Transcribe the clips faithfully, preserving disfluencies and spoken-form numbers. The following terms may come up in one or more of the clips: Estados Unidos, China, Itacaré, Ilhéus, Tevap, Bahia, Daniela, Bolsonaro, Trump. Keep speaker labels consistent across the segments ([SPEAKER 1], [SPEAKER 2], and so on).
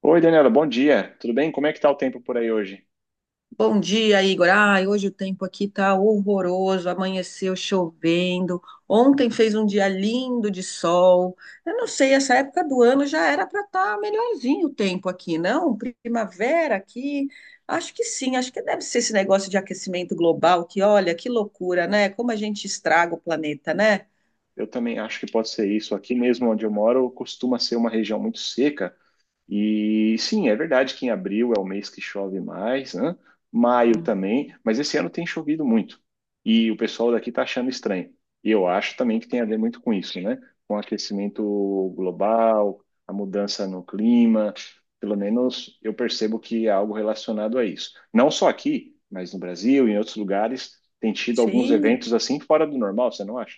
[SPEAKER 1] Oi, Daniela, bom dia. Tudo bem? Como é que está o tempo por aí hoje?
[SPEAKER 2] Bom dia, Igor. Ai, hoje o tempo aqui tá horroroso, amanheceu chovendo. Ontem fez um dia lindo de sol. Eu não sei, essa época do ano já era para estar melhorzinho o tempo aqui, não? Primavera aqui. Acho que sim, acho que deve ser esse negócio de aquecimento global, que olha, que loucura, né? Como a gente estraga o planeta, né?
[SPEAKER 1] Eu também acho que pode ser isso. Aqui mesmo onde eu moro, costuma ser uma região muito seca. E sim, é verdade que em abril é o mês que chove mais, né? Maio
[SPEAKER 2] Hum.
[SPEAKER 1] também, mas esse ano tem chovido muito. E o pessoal daqui está achando estranho. E eu acho também que tem a ver muito com isso, né? Com o aquecimento global, a mudança no clima. Pelo menos eu percebo que é algo relacionado a isso. Não só aqui, mas no Brasil e em outros lugares tem tido alguns
[SPEAKER 2] Sim.
[SPEAKER 1] eventos assim fora do normal, você não acha?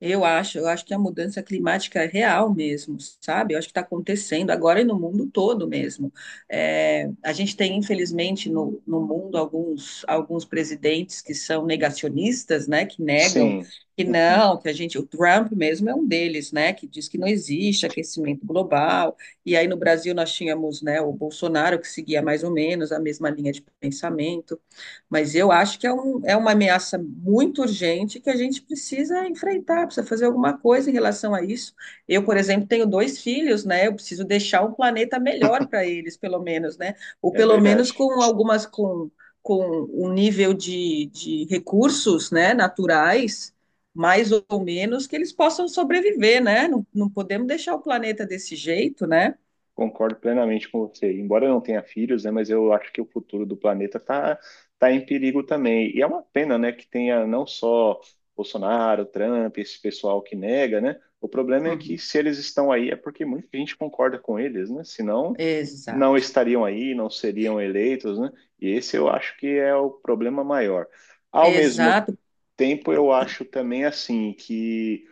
[SPEAKER 2] Eu acho, eu acho que a mudança climática é real mesmo, sabe? Eu acho que está acontecendo agora e no mundo todo mesmo. É, a gente tem, infelizmente, no, no mundo alguns, alguns presidentes que são negacionistas, né? Que negam
[SPEAKER 1] Sim,
[SPEAKER 2] que não, que a gente. O Trump mesmo é um deles, né? Que diz que não existe aquecimento global. E aí no Brasil nós tínhamos, né, o Bolsonaro que seguia mais ou menos a mesma linha de pensamento. Mas eu acho que é, um, é uma ameaça muito urgente que a gente precisa enfrentar, precisa fazer alguma coisa em relação a isso. Eu, por exemplo, tenho dois filhos, né? Eu preciso deixar um planeta melhor para eles, pelo menos, né? Ou
[SPEAKER 1] é
[SPEAKER 2] pelo menos
[SPEAKER 1] verdade.
[SPEAKER 2] com algumas com, com um nível de, de recursos, né, naturais, mais ou menos, que eles possam sobreviver, né? Não, não podemos deixar o planeta desse jeito, né?
[SPEAKER 1] Concordo plenamente com você. Embora eu não tenha filhos, né, mas eu acho que o futuro do planeta está tá tá em perigo também. E é uma pena, né, que tenha não só Bolsonaro, Trump, esse pessoal que nega, né? O problema é que
[SPEAKER 2] Uhum.
[SPEAKER 1] se eles estão aí é porque muita gente concorda com eles, né? Senão não
[SPEAKER 2] Exato,
[SPEAKER 1] estariam aí, não seriam eleitos, né? E esse eu acho que é o problema maior. Ao mesmo
[SPEAKER 2] exato.
[SPEAKER 1] tempo, eu acho também assim que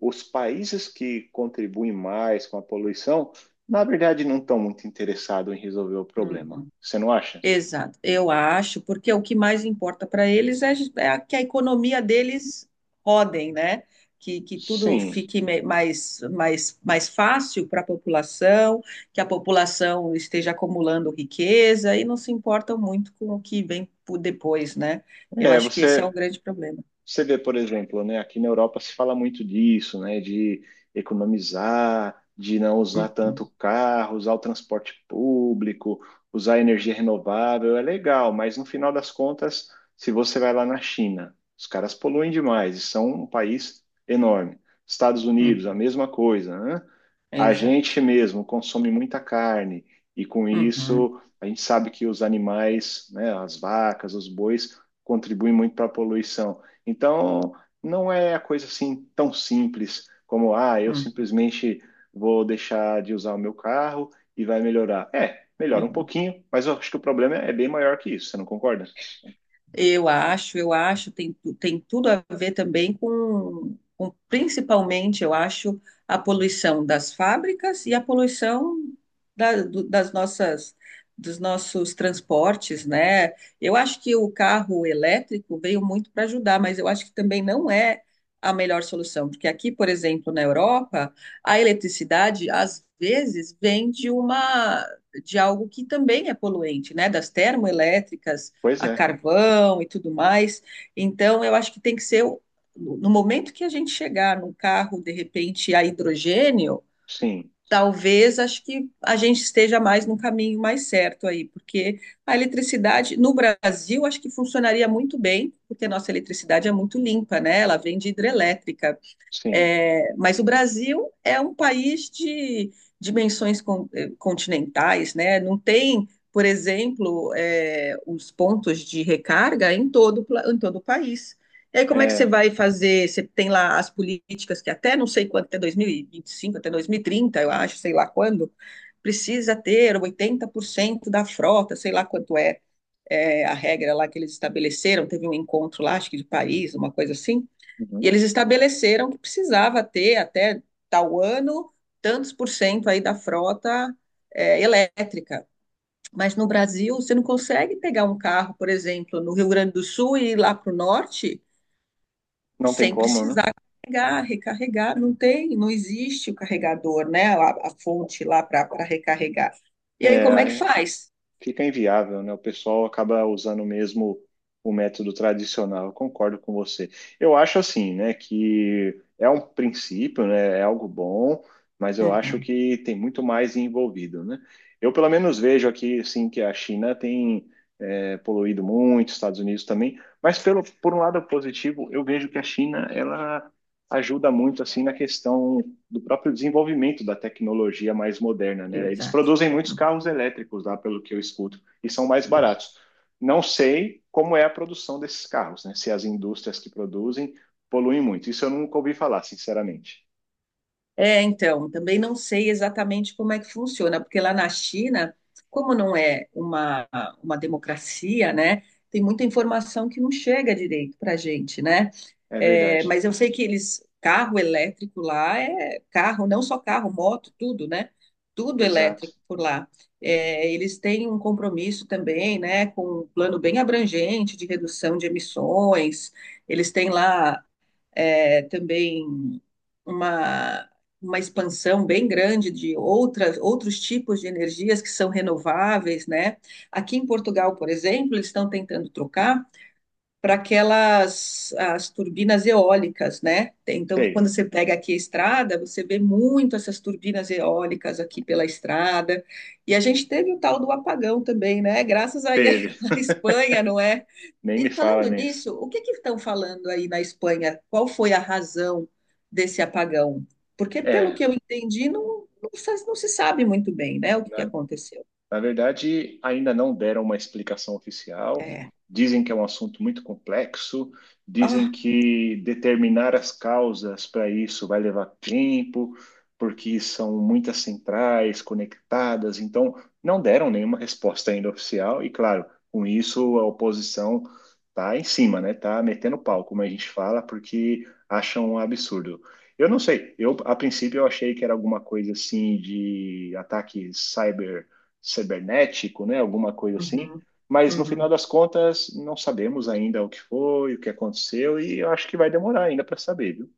[SPEAKER 1] os países que contribuem mais com a poluição, na verdade, não estão muito interessados em resolver o problema.
[SPEAKER 2] Uhum.
[SPEAKER 1] Você não acha?
[SPEAKER 2] Exato, eu acho, porque o que mais importa para eles é, é a- que a economia deles rodem, né? Que, que tudo
[SPEAKER 1] Sim.
[SPEAKER 2] fique me- mais, mais, mais fácil para a população, que a população esteja acumulando riqueza e não se importam muito com o que vem por depois, né? Eu
[SPEAKER 1] É,
[SPEAKER 2] acho que esse é
[SPEAKER 1] você
[SPEAKER 2] um grande problema.
[SPEAKER 1] Você vê, por exemplo, né, aqui na Europa se fala muito disso, né, de economizar, de não usar
[SPEAKER 2] Uhum,
[SPEAKER 1] tanto o carro, usar o transporte público, usar energia renovável, é legal, mas no final das contas, se você vai lá na China, os caras poluem demais e são um país enorme. Estados Unidos, a
[SPEAKER 2] uhum,
[SPEAKER 1] mesma coisa, né? A
[SPEAKER 2] exato.
[SPEAKER 1] gente mesmo consome muita carne e com
[SPEAKER 2] Uhum,
[SPEAKER 1] isso a gente sabe que os animais, né, as vacas, os bois, contribuem muito para a poluição. Então, não é a coisa assim tão simples como, ah, eu
[SPEAKER 2] uhum,
[SPEAKER 1] simplesmente vou deixar de usar o meu carro e vai melhorar. É, melhora um
[SPEAKER 2] uhum.
[SPEAKER 1] pouquinho, mas eu acho que o problema é bem maior que isso, você não concorda?
[SPEAKER 2] Eu acho, eu acho, tem, tu- tem tudo a ver também com, com, principalmente, eu acho, a poluição das fábricas e a poluição da- do- das nossas, dos nossos transportes, né? Eu acho que o carro elétrico veio muito para ajudar, mas eu acho que também não é a melhor solução, porque aqui, por exemplo, na Europa, a eletricidade às vezes vem de uma de algo que também é poluente, né? Das termoelétricas
[SPEAKER 1] Pois
[SPEAKER 2] a
[SPEAKER 1] é,
[SPEAKER 2] carvão e tudo mais. Então, eu acho que tem que ser o- no momento que a gente chegar num carro, de repente, a hidrogênio,
[SPEAKER 1] sim,
[SPEAKER 2] talvez acho que a gente esteja mais no caminho mais certo aí, porque a eletricidade no Brasil acho que funcionaria muito bem, porque a nossa eletricidade é muito limpa, né? Ela vem de hidrelétrica,
[SPEAKER 1] sim.
[SPEAKER 2] é, mas o Brasil é um país de dimensões con- eh, continentais, né? Não tem, por exemplo, eh, os pontos de recarga em todo, o pla- em todo o país. E aí, como é que você
[SPEAKER 1] É,
[SPEAKER 2] vai fazer? Você tem lá as políticas que até não sei quanto, até dois mil e vinte e cinco, até dois mil e trinta, eu acho, sei lá quando, precisa ter oitenta por cento da frota, sei lá quanto é, eh, a regra lá que eles estabeleceram. Teve um encontro lá, acho que de Paris, uma coisa assim. E eles estabeleceram que precisava ter até tal ano tantos por cento aí da frota, é, elétrica. Mas no Brasil, você não consegue pegar um carro, por exemplo, no Rio Grande do Sul e ir lá para o norte
[SPEAKER 1] não tem
[SPEAKER 2] sem
[SPEAKER 1] como, né?
[SPEAKER 2] precisar carregar, recarregar. Não tem, não existe o carregador, né? A, a fonte lá para recarregar. E aí, como é que
[SPEAKER 1] É,
[SPEAKER 2] faz?
[SPEAKER 1] fica inviável, né? O pessoal acaba usando mesmo o método tradicional. Eu concordo com você. Eu acho assim, né, que é um princípio, né? É algo bom, mas eu acho
[SPEAKER 2] Uhum,
[SPEAKER 1] que tem muito mais envolvido, né? Eu pelo menos vejo aqui, assim, que a China tem é, poluído muito, Estados Unidos também, mas pelo por um lado positivo, eu vejo que a China ela ajuda muito assim na questão do próprio desenvolvimento da tecnologia mais moderna, né? Eles
[SPEAKER 2] exato.
[SPEAKER 1] produzem muitos carros elétricos lá, pelo que eu escuto, e são mais baratos. Não sei como é a produção desses carros, né? Se as indústrias que produzem poluem muito. Isso eu nunca ouvi falar, sinceramente.
[SPEAKER 2] É, então, também não sei exatamente como é que funciona, porque lá na China, como não é uma, uma democracia, né, tem muita informação que não chega direito para a gente, né?
[SPEAKER 1] É
[SPEAKER 2] É,
[SPEAKER 1] verdade.
[SPEAKER 2] mas eu sei que eles, carro elétrico lá é carro, não só carro, moto, tudo, né? Tudo
[SPEAKER 1] Exato.
[SPEAKER 2] elétrico por lá. É, eles têm um compromisso também, né, com um plano bem abrangente de redução de emissões. Eles têm lá, é, também uma, uma expansão bem grande de outras, outros tipos de energias que são renováveis, né? Aqui em Portugal, por exemplo, eles estão tentando trocar para aquelas as turbinas eólicas, né? Tem. Então, quando
[SPEAKER 1] Sei.
[SPEAKER 2] você pega aqui a estrada, você vê muito essas turbinas eólicas aqui pela estrada. E a gente teve o tal do apagão também, né? Graças aí
[SPEAKER 1] Teve.
[SPEAKER 2] à Espanha, não é?
[SPEAKER 1] Nem me
[SPEAKER 2] E
[SPEAKER 1] fala
[SPEAKER 2] falando
[SPEAKER 1] nisso.
[SPEAKER 2] nisso, o que que estão falando aí na Espanha? Qual foi a razão desse apagão? Porque, pelo
[SPEAKER 1] É,
[SPEAKER 2] que eu entendi, não, não, se não se sabe muito bem, né, o que que
[SPEAKER 1] na
[SPEAKER 2] aconteceu.
[SPEAKER 1] Na verdade, ainda não deram uma explicação oficial.
[SPEAKER 2] É.
[SPEAKER 1] Dizem que é um assunto muito complexo, dizem
[SPEAKER 2] Ah,
[SPEAKER 1] que determinar as causas para isso vai levar tempo, porque são muitas centrais conectadas. Então, não deram nenhuma resposta ainda oficial. E, claro, com isso a oposição está em cima, né? Tá metendo pau, como a gente fala, porque acham um absurdo. Eu não sei. Eu, a princípio, eu achei que era alguma coisa assim de ataque cyber cibernético, né? Alguma coisa assim.
[SPEAKER 2] uhum,
[SPEAKER 1] Mas no final
[SPEAKER 2] uhum.
[SPEAKER 1] das contas, não sabemos ainda o que foi, o que aconteceu, e eu acho que vai demorar ainda para saber, viu?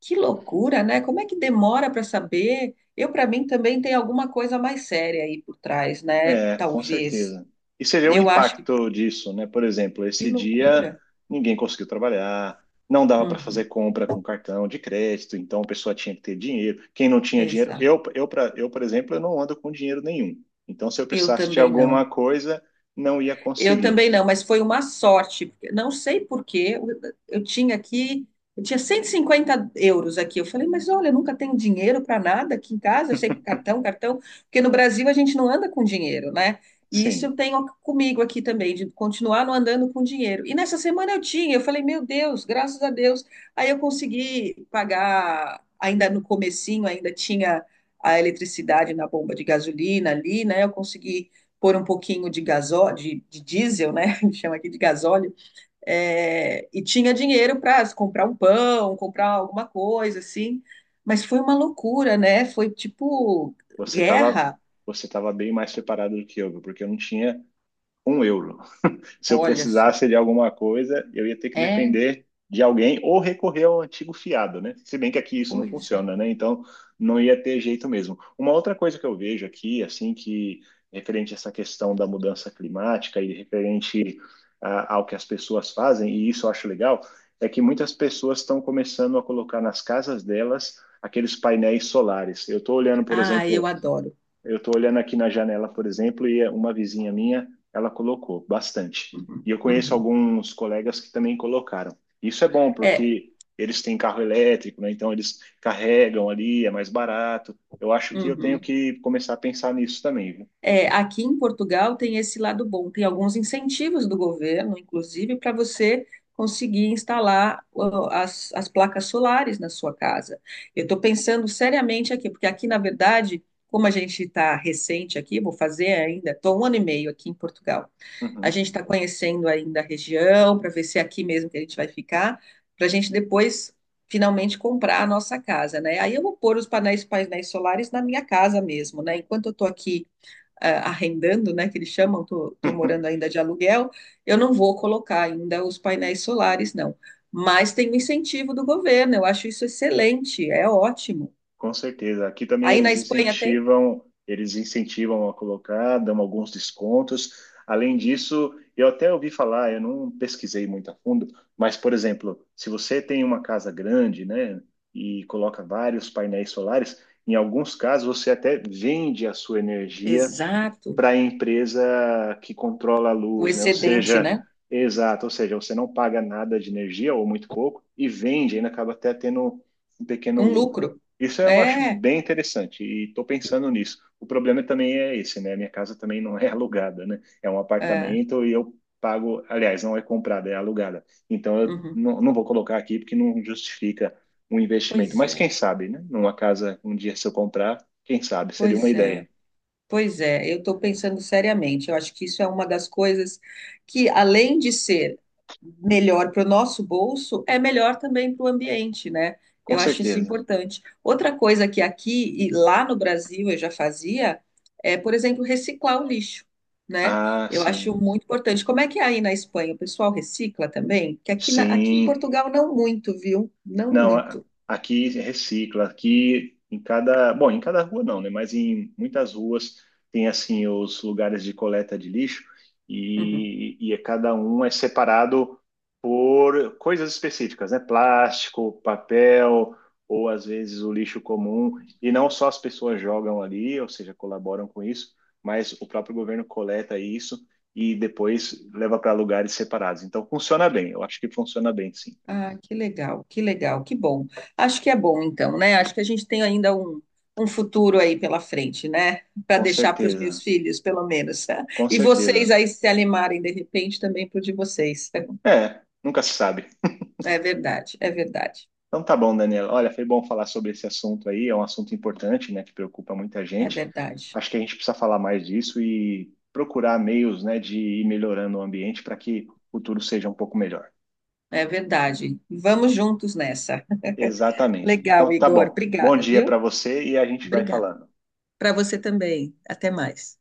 [SPEAKER 2] Que loucura, né? Como é que demora para saber? Eu, para mim, também tem alguma coisa mais séria aí por trás, né?
[SPEAKER 1] É, com
[SPEAKER 2] Talvez.
[SPEAKER 1] certeza. E você vê o
[SPEAKER 2] Eu acho que.
[SPEAKER 1] impacto disso, né? Por exemplo,
[SPEAKER 2] Que
[SPEAKER 1] esse dia
[SPEAKER 2] loucura.
[SPEAKER 1] ninguém conseguiu trabalhar, não dava para
[SPEAKER 2] Uhum,
[SPEAKER 1] fazer compra com cartão de crédito, então a pessoa tinha que ter dinheiro. Quem não tinha dinheiro,
[SPEAKER 2] exato.
[SPEAKER 1] eu, eu, pra, eu, por exemplo, eu não ando com dinheiro nenhum. Então, se eu
[SPEAKER 2] Eu
[SPEAKER 1] precisasse de
[SPEAKER 2] também não.
[SPEAKER 1] alguma coisa, não ia
[SPEAKER 2] Eu
[SPEAKER 1] conseguir.
[SPEAKER 2] também não, mas foi uma sorte. Porque- Não sei por quê, eu, eu tinha aqui, eu tinha cento e cinquenta euros aqui. Eu falei, mas olha, eu nunca tenho dinheiro para nada aqui em casa, eu sempre cartão, cartão, porque no Brasil a gente não anda com dinheiro, né? E isso eu
[SPEAKER 1] Sim.
[SPEAKER 2] tenho comigo aqui também, de continuar não andando com dinheiro. E nessa semana eu tinha, eu falei, meu Deus, graças a Deus. Aí eu consegui pagar, ainda no comecinho, ainda tinha a eletricidade na bomba de gasolina ali, né? Eu consegui pôr um pouquinho de gasóleo, de, de, diesel, né? chama aqui de gasóleo, é, e tinha dinheiro para comprar um pão, comprar alguma coisa, assim. Mas foi uma loucura, né? Foi tipo
[SPEAKER 1] Você estava
[SPEAKER 2] guerra.
[SPEAKER 1] você tava bem mais preparado do que eu, porque eu não tinha um euro. Se eu
[SPEAKER 2] Olha só.
[SPEAKER 1] precisasse de alguma coisa, eu ia ter que
[SPEAKER 2] É,
[SPEAKER 1] depender de alguém ou recorrer ao antigo fiado, né? Se bem que aqui isso não
[SPEAKER 2] coisa.
[SPEAKER 1] funciona, né? Então não ia ter jeito mesmo. Uma outra coisa que eu vejo aqui, assim, que referente a essa questão da mudança climática e referente ah, ao que as pessoas fazem, e isso eu acho legal, é que muitas pessoas estão começando a colocar nas casas delas aqueles painéis solares. Eu estou olhando, por
[SPEAKER 2] Ah, eu
[SPEAKER 1] exemplo,
[SPEAKER 2] adoro.
[SPEAKER 1] eu estou olhando aqui na janela, por exemplo, e uma vizinha minha, ela colocou bastante.
[SPEAKER 2] Uhum,
[SPEAKER 1] E eu conheço
[SPEAKER 2] uhum.
[SPEAKER 1] alguns colegas que também colocaram. Isso é bom,
[SPEAKER 2] É,
[SPEAKER 1] porque eles têm carro elétrico, né? Então eles carregam ali, é mais barato. Eu acho que eu tenho
[SPEAKER 2] uhum.
[SPEAKER 1] que começar a pensar nisso também, viu?
[SPEAKER 2] É, aqui em Portugal tem esse lado bom, tem alguns incentivos do governo, inclusive, para você conseguir instalar, ó, as, as placas solares na sua casa. Eu estou pensando seriamente aqui, porque aqui, na verdade, como a gente está recente aqui, vou fazer ainda, estou um ano e meio aqui em Portugal. A
[SPEAKER 1] Uhum.
[SPEAKER 2] gente está conhecendo ainda a região, para ver se é aqui mesmo que a gente vai ficar, para a gente depois finalmente comprar a nossa casa, né? Aí eu vou pôr os painéis, painéis solares na minha casa mesmo, né? Enquanto eu estou aqui ah, arrendando, né, que eles chamam, tô, tô morando ainda de aluguel, eu não vou colocar ainda os painéis solares, não. Mas tem um incentivo do governo, eu acho isso excelente, é ótimo.
[SPEAKER 1] Com certeza. Aqui também
[SPEAKER 2] Aí na
[SPEAKER 1] eles
[SPEAKER 2] Espanha tem?
[SPEAKER 1] incentivam, eles incentivam a colocar, dão alguns descontos. Além disso, eu até ouvi falar, eu não pesquisei muito a fundo, mas, por exemplo, se você tem uma casa grande, né, e coloca vários painéis solares, em alguns casos você até vende a sua energia
[SPEAKER 2] Exato,
[SPEAKER 1] para a empresa que controla a
[SPEAKER 2] o
[SPEAKER 1] luz, né? Ou
[SPEAKER 2] excedente,
[SPEAKER 1] seja,
[SPEAKER 2] né?
[SPEAKER 1] exato, ou seja, você não paga nada de energia ou muito pouco e vende, ainda acaba até tendo um pequeno
[SPEAKER 2] Um
[SPEAKER 1] lucro.
[SPEAKER 2] lucro.
[SPEAKER 1] Isso eu acho
[SPEAKER 2] É,
[SPEAKER 1] bem interessante e estou pensando nisso. O problema também é esse, né? Minha casa também não é alugada, né? É um
[SPEAKER 2] é.
[SPEAKER 1] apartamento e eu pago, aliás, não é comprada, é alugada. Então eu
[SPEAKER 2] Uhum.
[SPEAKER 1] não, não vou colocar aqui porque não justifica um investimento.
[SPEAKER 2] Pois
[SPEAKER 1] Mas quem
[SPEAKER 2] é,
[SPEAKER 1] sabe, né? Numa casa, um dia se eu comprar, quem sabe? Seria uma
[SPEAKER 2] pois é.
[SPEAKER 1] ideia,
[SPEAKER 2] Pois é, eu estou pensando seriamente. Eu acho que isso é uma das coisas que, além de ser melhor para o nosso bolso, é melhor também para o ambiente, né?
[SPEAKER 1] com
[SPEAKER 2] Eu acho isso
[SPEAKER 1] certeza.
[SPEAKER 2] importante. Outra coisa que aqui e lá no Brasil eu já fazia é, por exemplo, reciclar o lixo, né?
[SPEAKER 1] Ah,
[SPEAKER 2] Eu acho
[SPEAKER 1] sim.
[SPEAKER 2] muito importante. Como é que é aí na Espanha? O pessoal recicla também? Que aqui, na- aqui em
[SPEAKER 1] Sim.
[SPEAKER 2] Portugal não muito, viu? Não
[SPEAKER 1] Não, a-
[SPEAKER 2] muito.
[SPEAKER 1] aqui recicla, aqui em cada, bom, em cada rua não, né? Mas em muitas ruas tem assim os lugares de coleta de lixo
[SPEAKER 2] Uhum.
[SPEAKER 1] e, e é- cada um é separado por coisas específicas, né? Plástico, papel ou às vezes o lixo comum e não só as pessoas jogam ali, ou seja, colaboram com isso, mas o próprio governo coleta isso e depois leva para lugares separados. Então funciona bem, eu acho que funciona bem, sim,
[SPEAKER 2] Ah, que legal, que legal, que bom. Acho que é bom, então, né? Acho que a gente tem ainda um, um futuro aí pela frente, né? Para
[SPEAKER 1] com
[SPEAKER 2] deixar para os
[SPEAKER 1] certeza.
[SPEAKER 2] meus filhos, pelo menos.
[SPEAKER 1] Com
[SPEAKER 2] E vocês
[SPEAKER 1] certeza.
[SPEAKER 2] aí se animarem, de repente, também para de vocês. É
[SPEAKER 1] É, nunca se sabe.
[SPEAKER 2] verdade, é verdade,
[SPEAKER 1] Então tá bom, Daniela. Olha, foi bom falar sobre esse assunto aí. É um assunto importante, né, que preocupa muita
[SPEAKER 2] é
[SPEAKER 1] gente.
[SPEAKER 2] verdade,
[SPEAKER 1] Acho que a gente precisa falar mais disso e procurar meios, né, de ir melhorando o ambiente para que o futuro seja um pouco melhor.
[SPEAKER 2] é verdade. Vamos juntos nessa.
[SPEAKER 1] Exatamente.
[SPEAKER 2] Legal,
[SPEAKER 1] Então tá
[SPEAKER 2] Igor.
[SPEAKER 1] bom. Bom
[SPEAKER 2] Obrigada,
[SPEAKER 1] dia para
[SPEAKER 2] viu?
[SPEAKER 1] você e a gente vai
[SPEAKER 2] Obrigada.
[SPEAKER 1] falando.
[SPEAKER 2] Para você também. Até mais.